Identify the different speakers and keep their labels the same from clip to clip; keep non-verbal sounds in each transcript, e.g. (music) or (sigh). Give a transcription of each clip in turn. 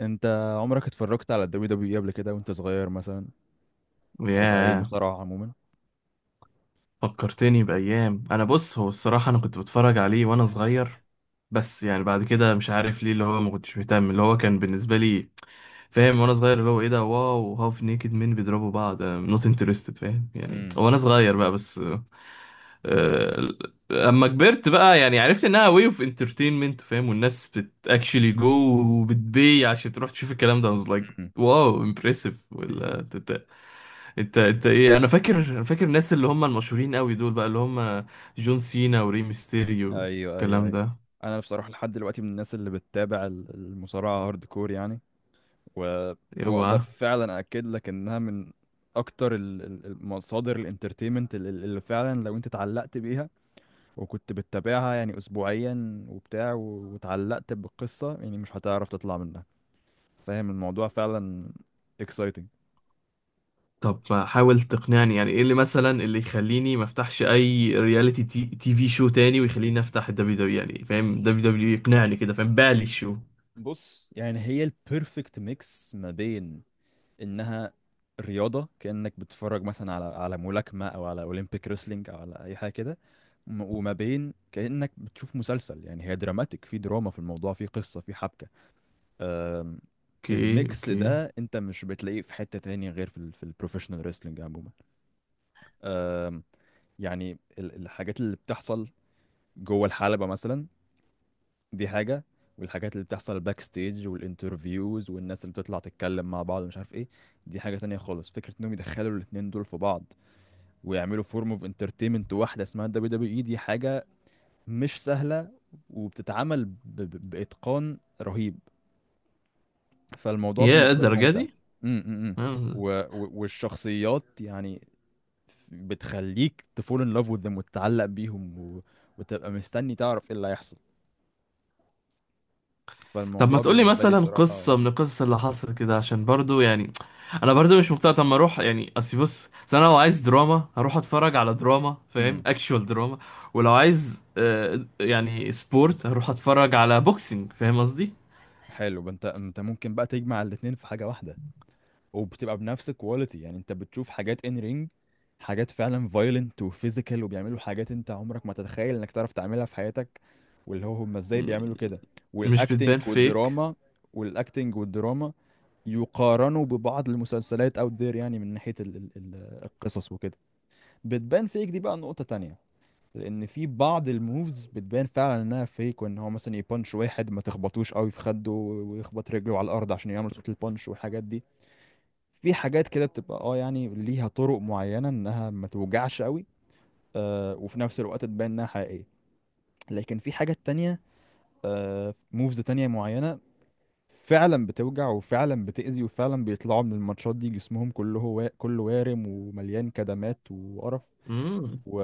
Speaker 1: انت عمرك اتفرجت على الدبليو دبليو اي قبل كده وانت صغير مثلا؟ او اي
Speaker 2: ياه،
Speaker 1: مصارعة عموما؟
Speaker 2: فكرتني بأيام. أنا بص، هو الصراحة أنا كنت بتفرج عليه وأنا صغير، بس يعني بعد كده مش عارف ليه، اللي هو ما كنتش مهتم. اللي هو كان بالنسبة لي، فاهم، وأنا صغير، اللي هو إيه ده؟ واو، هاف نيكد مين بيضربوا بعض، نوت انترستد، فاهم يعني،
Speaker 1: امم.
Speaker 2: وأنا صغير بقى بس. آه، أما كبرت بقى يعني عرفت إنها واي أوف انترتينمنت، فاهم، والناس بت اكشلي جو وبتبي عشان تروح تشوف الكلام ده. I was
Speaker 1: (laughs)
Speaker 2: like
Speaker 1: أمم.
Speaker 2: واو، امبرسيف ولا انت ايه؟ انا فاكر، انا فاكر الناس اللي هم المشهورين قوي دول بقى، اللي هم جون سينا وري ميستيريو
Speaker 1: ايوه ايوه
Speaker 2: والكلام
Speaker 1: ايوه.
Speaker 2: ده.
Speaker 1: انا بصراحة لحد دلوقتي من الناس اللي بتتابع المصارعة هارد كور يعني. و... واقدر
Speaker 2: اوعى!
Speaker 1: فعلا اكد لك انها من اكتر المصادر الانترتينمنت اللي فعلا لو انت اتعلقت بيها وكنت بتتابعها يعني اسبوعيا وبتاع، واتعلقت بالقصة، يعني مش هتعرف تطلع منها. فاهم الموضوع فعلا exciting.
Speaker 2: طب حاول تقنعني، يعني ايه اللي مثلا اللي يخليني ما افتحش اي رياليتي تي في شو تاني ويخليني افتح الدبليو دبليو، يعني فاهم، دبليو دبليو يقنعني كده، فاهم بالي شو.
Speaker 1: بص يعني هي البيرفكت ميكس ما بين انها رياضة، كأنك بتتفرج مثلا على على ملاكمة او على اولمبيك ريسلينج او على اي حاجة كده، وما بين كأنك بتشوف مسلسل. يعني هي دراماتيك، في دراما في الموضوع، في قصة، في حبكة. أم،
Speaker 2: اوكي
Speaker 1: الميكس
Speaker 2: اوكي.
Speaker 1: ده انت مش بتلاقيه في حتة تانية غير في ال في البروفيشنال ريسلينج عموما. أم، يعني الحاجات اللي بتحصل جوه الحلبة مثلا دي حاجة، والحاجات اللي بتحصل باك ستيج والانترفيوز والناس اللي بتطلع تتكلم مع بعض مش عارف ايه، دي حاجة تانية خالص. فكرة انهم يدخلوا الاتنين دول في بعض ويعملوا فورم اوف انترتينمنت واحدة اسمها دبليو دبليو اي دي حاجة مش سهلة، وبتتعمل بإتقان رهيب. فالموضوع
Speaker 2: يا
Speaker 1: بالنسبة لي
Speaker 2: الدرجه
Speaker 1: ممتع.
Speaker 2: دي؟
Speaker 1: امم امم امم.
Speaker 2: آه.
Speaker 1: والشخصيات يعني بتخليك تفول ان لاف with them وتتعلق بيهم وتبقى مستني تعرف ايه اللي هيحصل.
Speaker 2: طب ما
Speaker 1: فالموضوع
Speaker 2: تقولي
Speaker 1: بالنسبة لي
Speaker 2: مثلا
Speaker 1: بصراحة.
Speaker 2: قصة من القصص اللي حصلت كده عشان برضو، يعني انا برضو مش مقتنع. طب ما اروح يعني، اصل بص، أصل انا لو عايز دراما هروح اتفرج على دراما، فاهم،
Speaker 1: امم.
Speaker 2: اكشوال دراما. ولو عايز آه، يعني سبورت، هروح اتفرج على بوكسينج، فاهم قصدي.
Speaker 1: حلو بقى. انت انت ممكن بقى تجمع الاتنين في حاجة واحدة وبتبقى بنفس الكواليتي. يعني انت بتشوف حاجات ان رينج، حاجات فعلا فايلنت وفيزيكال وبيعملوا حاجات انت عمرك ما تتخيل انك تعرف تعملها في حياتك، واللي هو هم ازاي
Speaker 2: م-
Speaker 1: بيعملوا كده.
Speaker 2: مش
Speaker 1: والاكتنج
Speaker 2: بتبان فيك.
Speaker 1: والدراما. والاكتنج والدراما يقارنوا ببعض المسلسلات اوت ذير، يعني من ناحية القصص وكده. بتبان فيك دي بقى نقطة تانية. لان في بعض الموفز بتبان فعلا انها فيك، وان هو مثلا يبانش واحد ما تخبطوش قوي في خده، ويخبط رجله على الارض عشان يعمل صوت البانش والحاجات دي. في حاجات كده بتبقى يعني ليها طرق معينة انها ما توجعش قوي. وفي نفس الوقت تبان انها حقيقية. لكن في حاجات تانية، موفز تانية معينة فعلا بتوجع وفعلا بتأذي، وفعلا بيطلعوا من الماتشات دي جسمهم كله كله وارم ومليان كدمات وقرف.
Speaker 2: مم.
Speaker 1: و...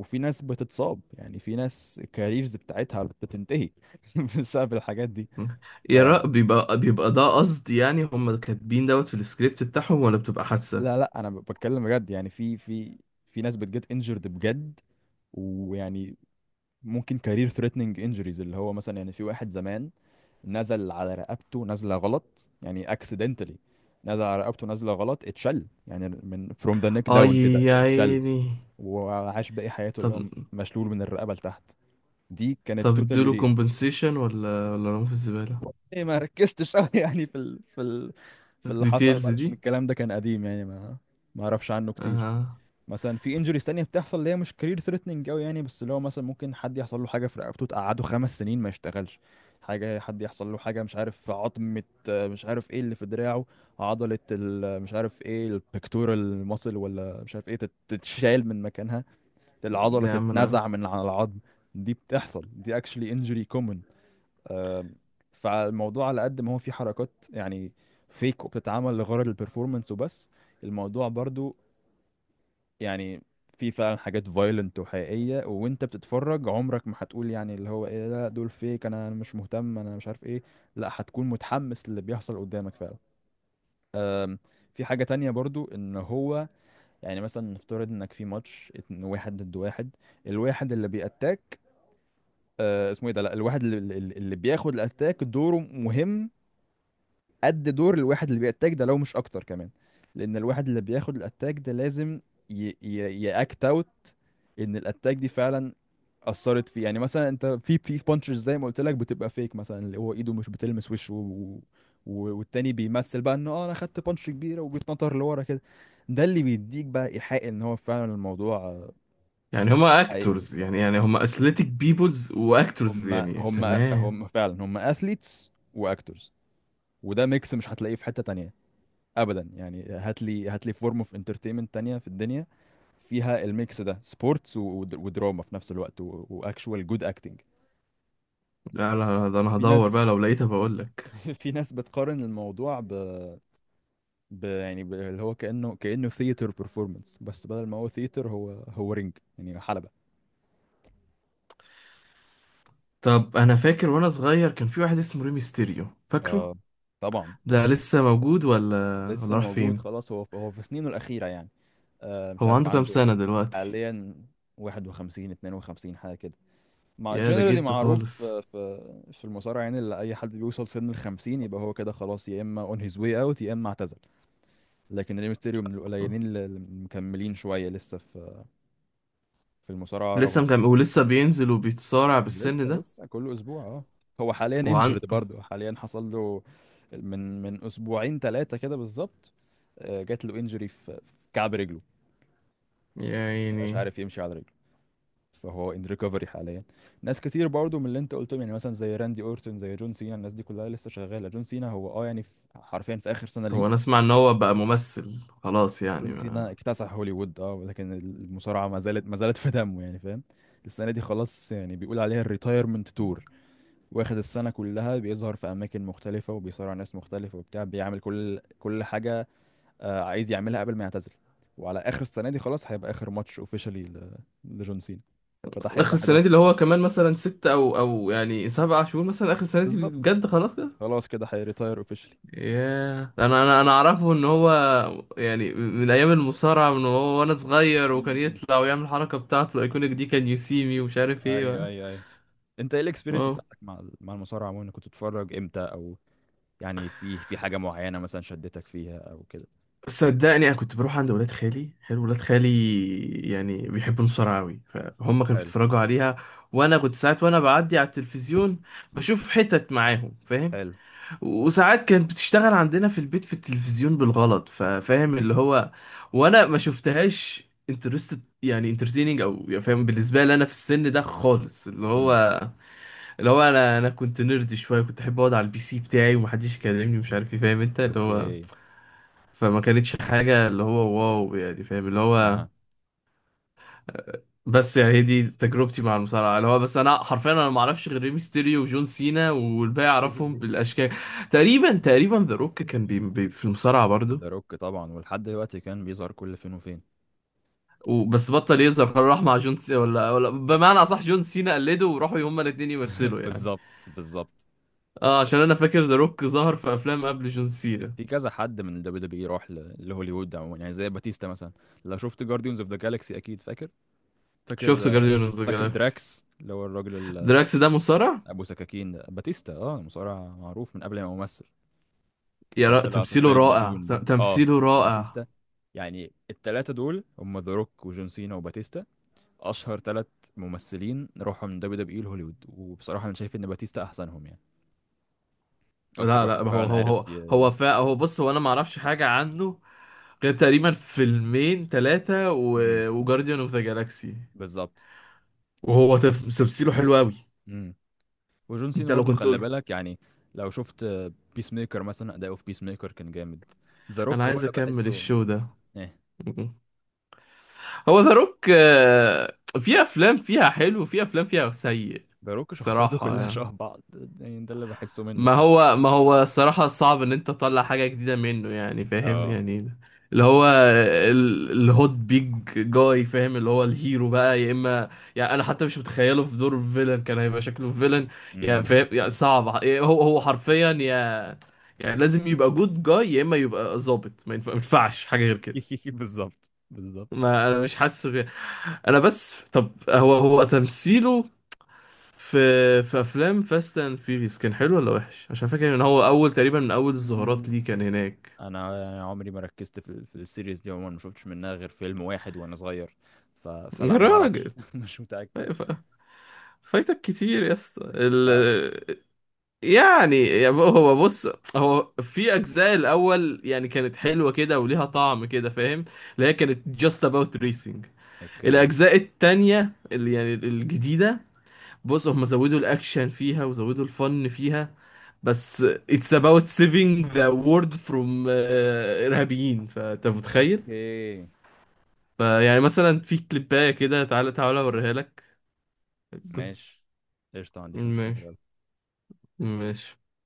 Speaker 1: وفي ناس بتتصاب. يعني في ناس الكاريرز بتاعتها بتنتهي (laughs) بسبب الحاجات دي. ف
Speaker 2: يا رأ، بيبقى بيبقى ده قصدي، يعني هم كاتبين دوت في السكريبت بتاعهم ولا بتبقى
Speaker 1: لا
Speaker 2: حادثة؟
Speaker 1: لا، انا بتكلم بجد. يعني في في ناس بتجت انجرد بجد، ويعني ممكن كارير ثريتنينج انجريز، اللي هو مثلا يعني في واحد زمان نزل على رقبته نزله غلط يعني اكسيدنتالي، نزل على رقبته نزله غلط اتشل، يعني من from the neck down
Speaker 2: اي.
Speaker 1: كده
Speaker 2: يا
Speaker 1: اتشل،
Speaker 2: عيني.
Speaker 1: وعاش باقي حياته
Speaker 2: طب،
Speaker 1: اللي هو مشلول من الرقبه لتحت. دي كانت
Speaker 2: طب
Speaker 1: توتالي
Speaker 2: ادوله
Speaker 1: ريل.
Speaker 2: كومبنسيشن ولا ولا رموا في الزبالة؟
Speaker 1: إيه، ما ركزتش قوي (laughs) يعني في اللي حصل
Speaker 2: الديتيلز
Speaker 1: بعد،
Speaker 2: دي.
Speaker 1: عشان الكلام ده كان قديم يعني ما اعرفش عنه كتير.
Speaker 2: آه.
Speaker 1: مثلا في انجريز تانية بتحصل اللي هي مش كارير ثريتنينج قوي يعني، بس اللي هو مثلا ممكن حد يحصل له حاجة في رقبته تقعده 5 سنين ما يشتغلش. حاجة، حد يحصل له حاجة مش عارف في عظمة، مش عارف ايه اللي في دراعه، عضلة مش عارف ايه البكتورال ماسل ولا مش عارف ايه تتشال من مكانها، العضلة
Speaker 2: يا عم انا،
Speaker 1: تتنزع من على العظم. دي بتحصل دي actually injury common. آم، فالموضوع على قد ما هو فيه حركات يعني فيك وبتتعمل لغرض البرفورمانس وبس، الموضوع برضو يعني في فعلا حاجات فايلنت وحقيقية، وانت بتتفرج عمرك ما هتقول يعني اللي هو ايه لا دول فيك انا مش مهتم انا مش عارف ايه، لا، هتكون متحمس للي بيحصل قدامك فعلا. أم، في حاجة تانية برضو ان هو يعني مثلا نفترض انك في ماتش اتنين، واحد ضد واحد، الواحد اللي بيأتاك، اسمه ايه ده، لا الواحد اللي بياخد الاتاك دوره مهم قد دور الواحد اللي بيأتاك ده، لو مش اكتر كمان. لان الواحد اللي بياخد الاتاك ده لازم يأكت اوت ان الاتاك دي فعلا اثرت فيه. يعني مثلا انت في في بانشز زي ما قلت لك بتبقى فيك، مثلا اللي هو ايده مش بتلمس وشه والتاني بيمثل بقى انه انا خدت بانش كبيره وبيتنطر لورا كده. ده اللي بيديك بقى ايحاء ان هو فعلا الموضوع
Speaker 2: يعني هما
Speaker 1: حقيقي
Speaker 2: اكتورز،
Speaker 1: وبتاع.
Speaker 2: يعني يعني هما اثليتيك بيبلز واكتورز
Speaker 1: هم
Speaker 2: يعني،
Speaker 1: هم
Speaker 2: تمام.
Speaker 1: هم فعلا هم اثليتس واكتورز، وده ميكس مش هتلاقيه في حته تانية ابدا. يعني هات لي هات لي فورم اوف انترتينمنت تانية في الدنيا فيها الميكس ده، سبورتس ودراما في نفس الوقت واكشوال جود اكتنج.
Speaker 2: لا لا، ده انا
Speaker 1: في
Speaker 2: هدور بقى،
Speaker 1: ناس
Speaker 2: لو لقيتها بقول لك.
Speaker 1: (laughs) في ناس بتقارن الموضوع اللي هو كأنه ثياتر performance، بس بدل ما هو ثياتر هو رينج يعني حلبة.
Speaker 2: طب انا فاكر وانا صغير كان في واحد اسمه ريمي ستيريو، فاكره؟
Speaker 1: اه طبعا.
Speaker 2: ده لسه موجود ولا
Speaker 1: لسه
Speaker 2: ولا راح
Speaker 1: موجود
Speaker 2: فين؟
Speaker 1: خلاص. هو هو في سنينه الأخيرة يعني. مش
Speaker 2: هو
Speaker 1: عارف
Speaker 2: عنده كام
Speaker 1: عنده
Speaker 2: سنة دلوقتي؟
Speaker 1: حاليا، 51 52 حاجة كده. مع
Speaker 2: يا ده
Speaker 1: جنرالي
Speaker 2: جده
Speaker 1: معروف،
Speaker 2: خالص!
Speaker 1: آه، في المصارعه يعني، اللي اي حد بيوصل سن ال 50 يبقى هو كده خلاص، يا اما اون هيز واي اوت يا اما اعتزل. لكن ري ميستيريو من القليلين اللي مكملين شويه لسه في المصارعه
Speaker 2: لسه
Speaker 1: رغم
Speaker 2: مكمل
Speaker 1: سنه.
Speaker 2: ولسه بينزل وبيتصارع بالسن
Speaker 1: لسه
Speaker 2: ده؟
Speaker 1: لسه كل اسبوع اه. هو حاليا
Speaker 2: وعن،
Speaker 1: انجورد برضه، حاليا حصل له من اسبوعين ثلاثه كده بالظبط. جات له انجري في كعب رجله، مبقاش
Speaker 2: يعني،
Speaker 1: عارف يمشي على رجله. فهو ان ريكفري حاليا. ناس كتير برضو من اللي انت قلتهم يعني مثلا زي راندي اورتون زي جون سينا، الناس دي كلها لسه شغاله. جون سينا هو يعني في حرفيا في اخر سنه ليه.
Speaker 2: هو انا اسمع ان هو بقى ممثل خلاص يعني
Speaker 1: جون سينا
Speaker 2: ما.
Speaker 1: اكتسح هوليوود ولكن المصارعه ما زالت ما زالت في دمه يعني فاهم. السنه دي خلاص يعني بيقول عليها الريتايرمنت تور. واخد السنه كلها بيظهر في اماكن مختلفه وبيصارع ناس مختلفه وبتاع، بيعمل كل كل حاجه عايز يعملها قبل ما يعتزل. وعلى اخر السنه دي خلاص هيبقى اخر ماتش اوفيشالي لجون سينا. فده
Speaker 2: اخر
Speaker 1: هيبقى
Speaker 2: السنه دي اللي
Speaker 1: حدث.
Speaker 2: هو كمان مثلا ستة او او يعني سبعة شهور مثلا، اخر السنه دي
Speaker 1: بالظبط.
Speaker 2: بجد خلاص كده؟
Speaker 1: خلاص كده هيريتاير اوفيشلي.
Speaker 2: ياه، انا اعرفه ان هو، يعني من ايام المصارعه من هو وانا صغير،
Speaker 1: م-
Speaker 2: وكان
Speaker 1: م- م.
Speaker 2: يطلع ويعمل الحركه بتاعته الايكونيك دي، كان يو سي مي ومش عارف
Speaker 1: ايوه
Speaker 2: ايه.
Speaker 1: ايوه ايوه. انت ايه الاكسبيرينس
Speaker 2: اه،
Speaker 1: بتاعتك مع مع المصارعه عموما؟ كنت بتتفرج امتى او يعني في في حاجه معينه مثلا شدتك فيها او كده؟
Speaker 2: صدقني انا كنت بروح عند ولاد خالي. حلو، ولاد خالي يعني بيحبوا المصارعه قوي فهم كانوا
Speaker 1: حلو
Speaker 2: بيتفرجوا عليها. وانا كنت ساعات وانا بعدي على التلفزيون بشوف حتت معاهم، فاهم.
Speaker 1: حلو.
Speaker 2: وساعات كانت بتشتغل عندنا في البيت في التلفزيون بالغلط، ففاهم اللي
Speaker 1: (laughs)
Speaker 2: هو. وانا ما شفتهاش انترستد يعني، انترتيننج او يعني، فاهم، بالنسبه لي انا في السن ده خالص اللي
Speaker 1: امم.
Speaker 2: هو، اللي هو انا كنت نيرد شويه، كنت احب اقعد على البي سي بتاعي ومحدش يكلمني، مش عارف ايه، فاهم انت اللي هو.
Speaker 1: اوكي.
Speaker 2: فما كانتش حاجه اللي هو واو، يعني فاهم اللي هو.
Speaker 1: اها.
Speaker 2: بس يعني هي دي تجربتي مع المصارعه، اللي هو بس انا حرفيا انا ما اعرفش غير ريمستيريو وجون سينا، والباقي اعرفهم
Speaker 1: (laughs)
Speaker 2: بالاشكال. تقريبا تقريبا ذا روك كان بي بي في المصارعه برضو.
Speaker 1: ذا روك طبعا، ولحد دلوقتي كان بيظهر كل فين وفين.
Speaker 2: وبس بطل يظهر، قرر راح مع جون سينا، ولا ولا بمعنى اصح جون سينا قلده وراحوا هما الاثنين يمثلوا يعني.
Speaker 1: بالظبط بالظبط.
Speaker 2: اه، عشان انا فاكر ذا روك ظهر في افلام قبل جون سينا.
Speaker 1: في كذا حد من الدبليو دبليو راح لهوليوود عموما، يعني زي باتيستا مثلا. لو شفت جارديونز اوف ذا جالاكسي اكيد فاكر.
Speaker 2: شفت
Speaker 1: فاكر آه،
Speaker 2: جارديان اوف ذا
Speaker 1: فاكر
Speaker 2: جالاكسي؟
Speaker 1: دراكس اللي هو الراجل
Speaker 2: دراكس ده مصارع؟
Speaker 1: ابو سكاكين ده، باتيستا، اه مصارع معروف من قبل ما يمثل. وكان طلع في
Speaker 2: تمثيله
Speaker 1: فيلم
Speaker 2: رائع،
Speaker 1: دون برضه، اه
Speaker 2: تمثيله
Speaker 1: لا
Speaker 2: رائع.
Speaker 1: باتيستا. يعني التلاتة دول هم ذا روك وجون سينا وباتيستا، اشهر تلات ممثلين راحوا من دبليو دبليو اي لهوليوود. وبصراحة انا شايف ان باتيستا احسنهم، يعني اكتر
Speaker 2: لا لا،
Speaker 1: واحد
Speaker 2: هو
Speaker 1: فعلا
Speaker 2: هو هو
Speaker 1: عارف
Speaker 2: هو فا، هو بص، هو انا ما اعرفش حاجه عنه غير تقريبا فيلمين ثلاثة
Speaker 1: مم.
Speaker 2: وجارديان اوف ذا جالاكسي.
Speaker 1: بالظبط.
Speaker 2: وهو طفل تمثيله حلو قوي.
Speaker 1: مم. وجون سينا
Speaker 2: انت لو
Speaker 1: برضه
Speaker 2: كنت
Speaker 1: خلي
Speaker 2: قلت.
Speaker 1: بالك. يعني لو شفت بيس ميكر مثلا، اداؤه في بيس ميكر كان جامد. ذا
Speaker 2: انا
Speaker 1: روك هو
Speaker 2: عايز
Speaker 1: اللي
Speaker 2: اكمل
Speaker 1: بحسه.
Speaker 2: الشو ده.
Speaker 1: ايه
Speaker 2: هو ذا روك في افلام فيها حلو وفي افلام فيها سيء،
Speaker 1: ذا روك شخصياته
Speaker 2: بصراحة
Speaker 1: كلها
Speaker 2: يعني.
Speaker 1: شبه بعض، يعني ده اللي بحسه منه
Speaker 2: ما
Speaker 1: بصراحة.
Speaker 2: هو ما هو الصراحة صعب ان انت تطلع حاجة جديدة منه، يعني فاهم
Speaker 1: اه،
Speaker 2: يعني، اللي هو الهوت بيج جاي، فاهم، اللي هو الهيرو بقى يا اما، يعني انا حتى مش متخيله في دور الفيلن كان هيبقى شكله فيلن. يعني
Speaker 1: امم.
Speaker 2: فاهم يعني، صعب، هو حرفيا يا، يعني لازم يبقى جود جاي يا اما يبقى ظابط، ما ينفعش حاجة غير كده.
Speaker 1: (laughs) بالظبط بالظبط.
Speaker 2: ما انا مش حاسس بيه. انا بس، طب هو تمثيله في في افلام فاست اند فيريس كان حلو ولا وحش؟ عشان فاكر ان هو اول تقريبا من اول الظهورات
Speaker 1: مم.
Speaker 2: ليه كان هناك.
Speaker 1: انا عمري ما ركزت في السيريز دي عموما، ما شفتش منها غير فيلم واحد وانا صغير.
Speaker 2: يا
Speaker 1: فلا، ما
Speaker 2: راجل.
Speaker 1: اعرفش (laughs) مش متأكد
Speaker 2: أيوة، فايتك كتير يا اسطى
Speaker 1: فعلا.
Speaker 2: يعني هو بص، هو في اجزاء الاول يعني كانت حلوه كده وليها طعم كده، فاهم، اللي هي كانت just about racing.
Speaker 1: اوكي
Speaker 2: الاجزاء التانية اللي يعني الجديده، بص هم زودوا الاكشن فيها وزودوا الفن فيها، بس it's about saving the world from آه، ارهابيين، فانت متخيل.
Speaker 1: اوكي.
Speaker 2: فيعني مثلا في كليبايه كده، تعالى تعالى اوريها لك جزء.
Speaker 1: ماشي. قشطة ما عنديش مشكلة
Speaker 2: ماشي.
Speaker 1: يلا.
Speaker 2: ماشي.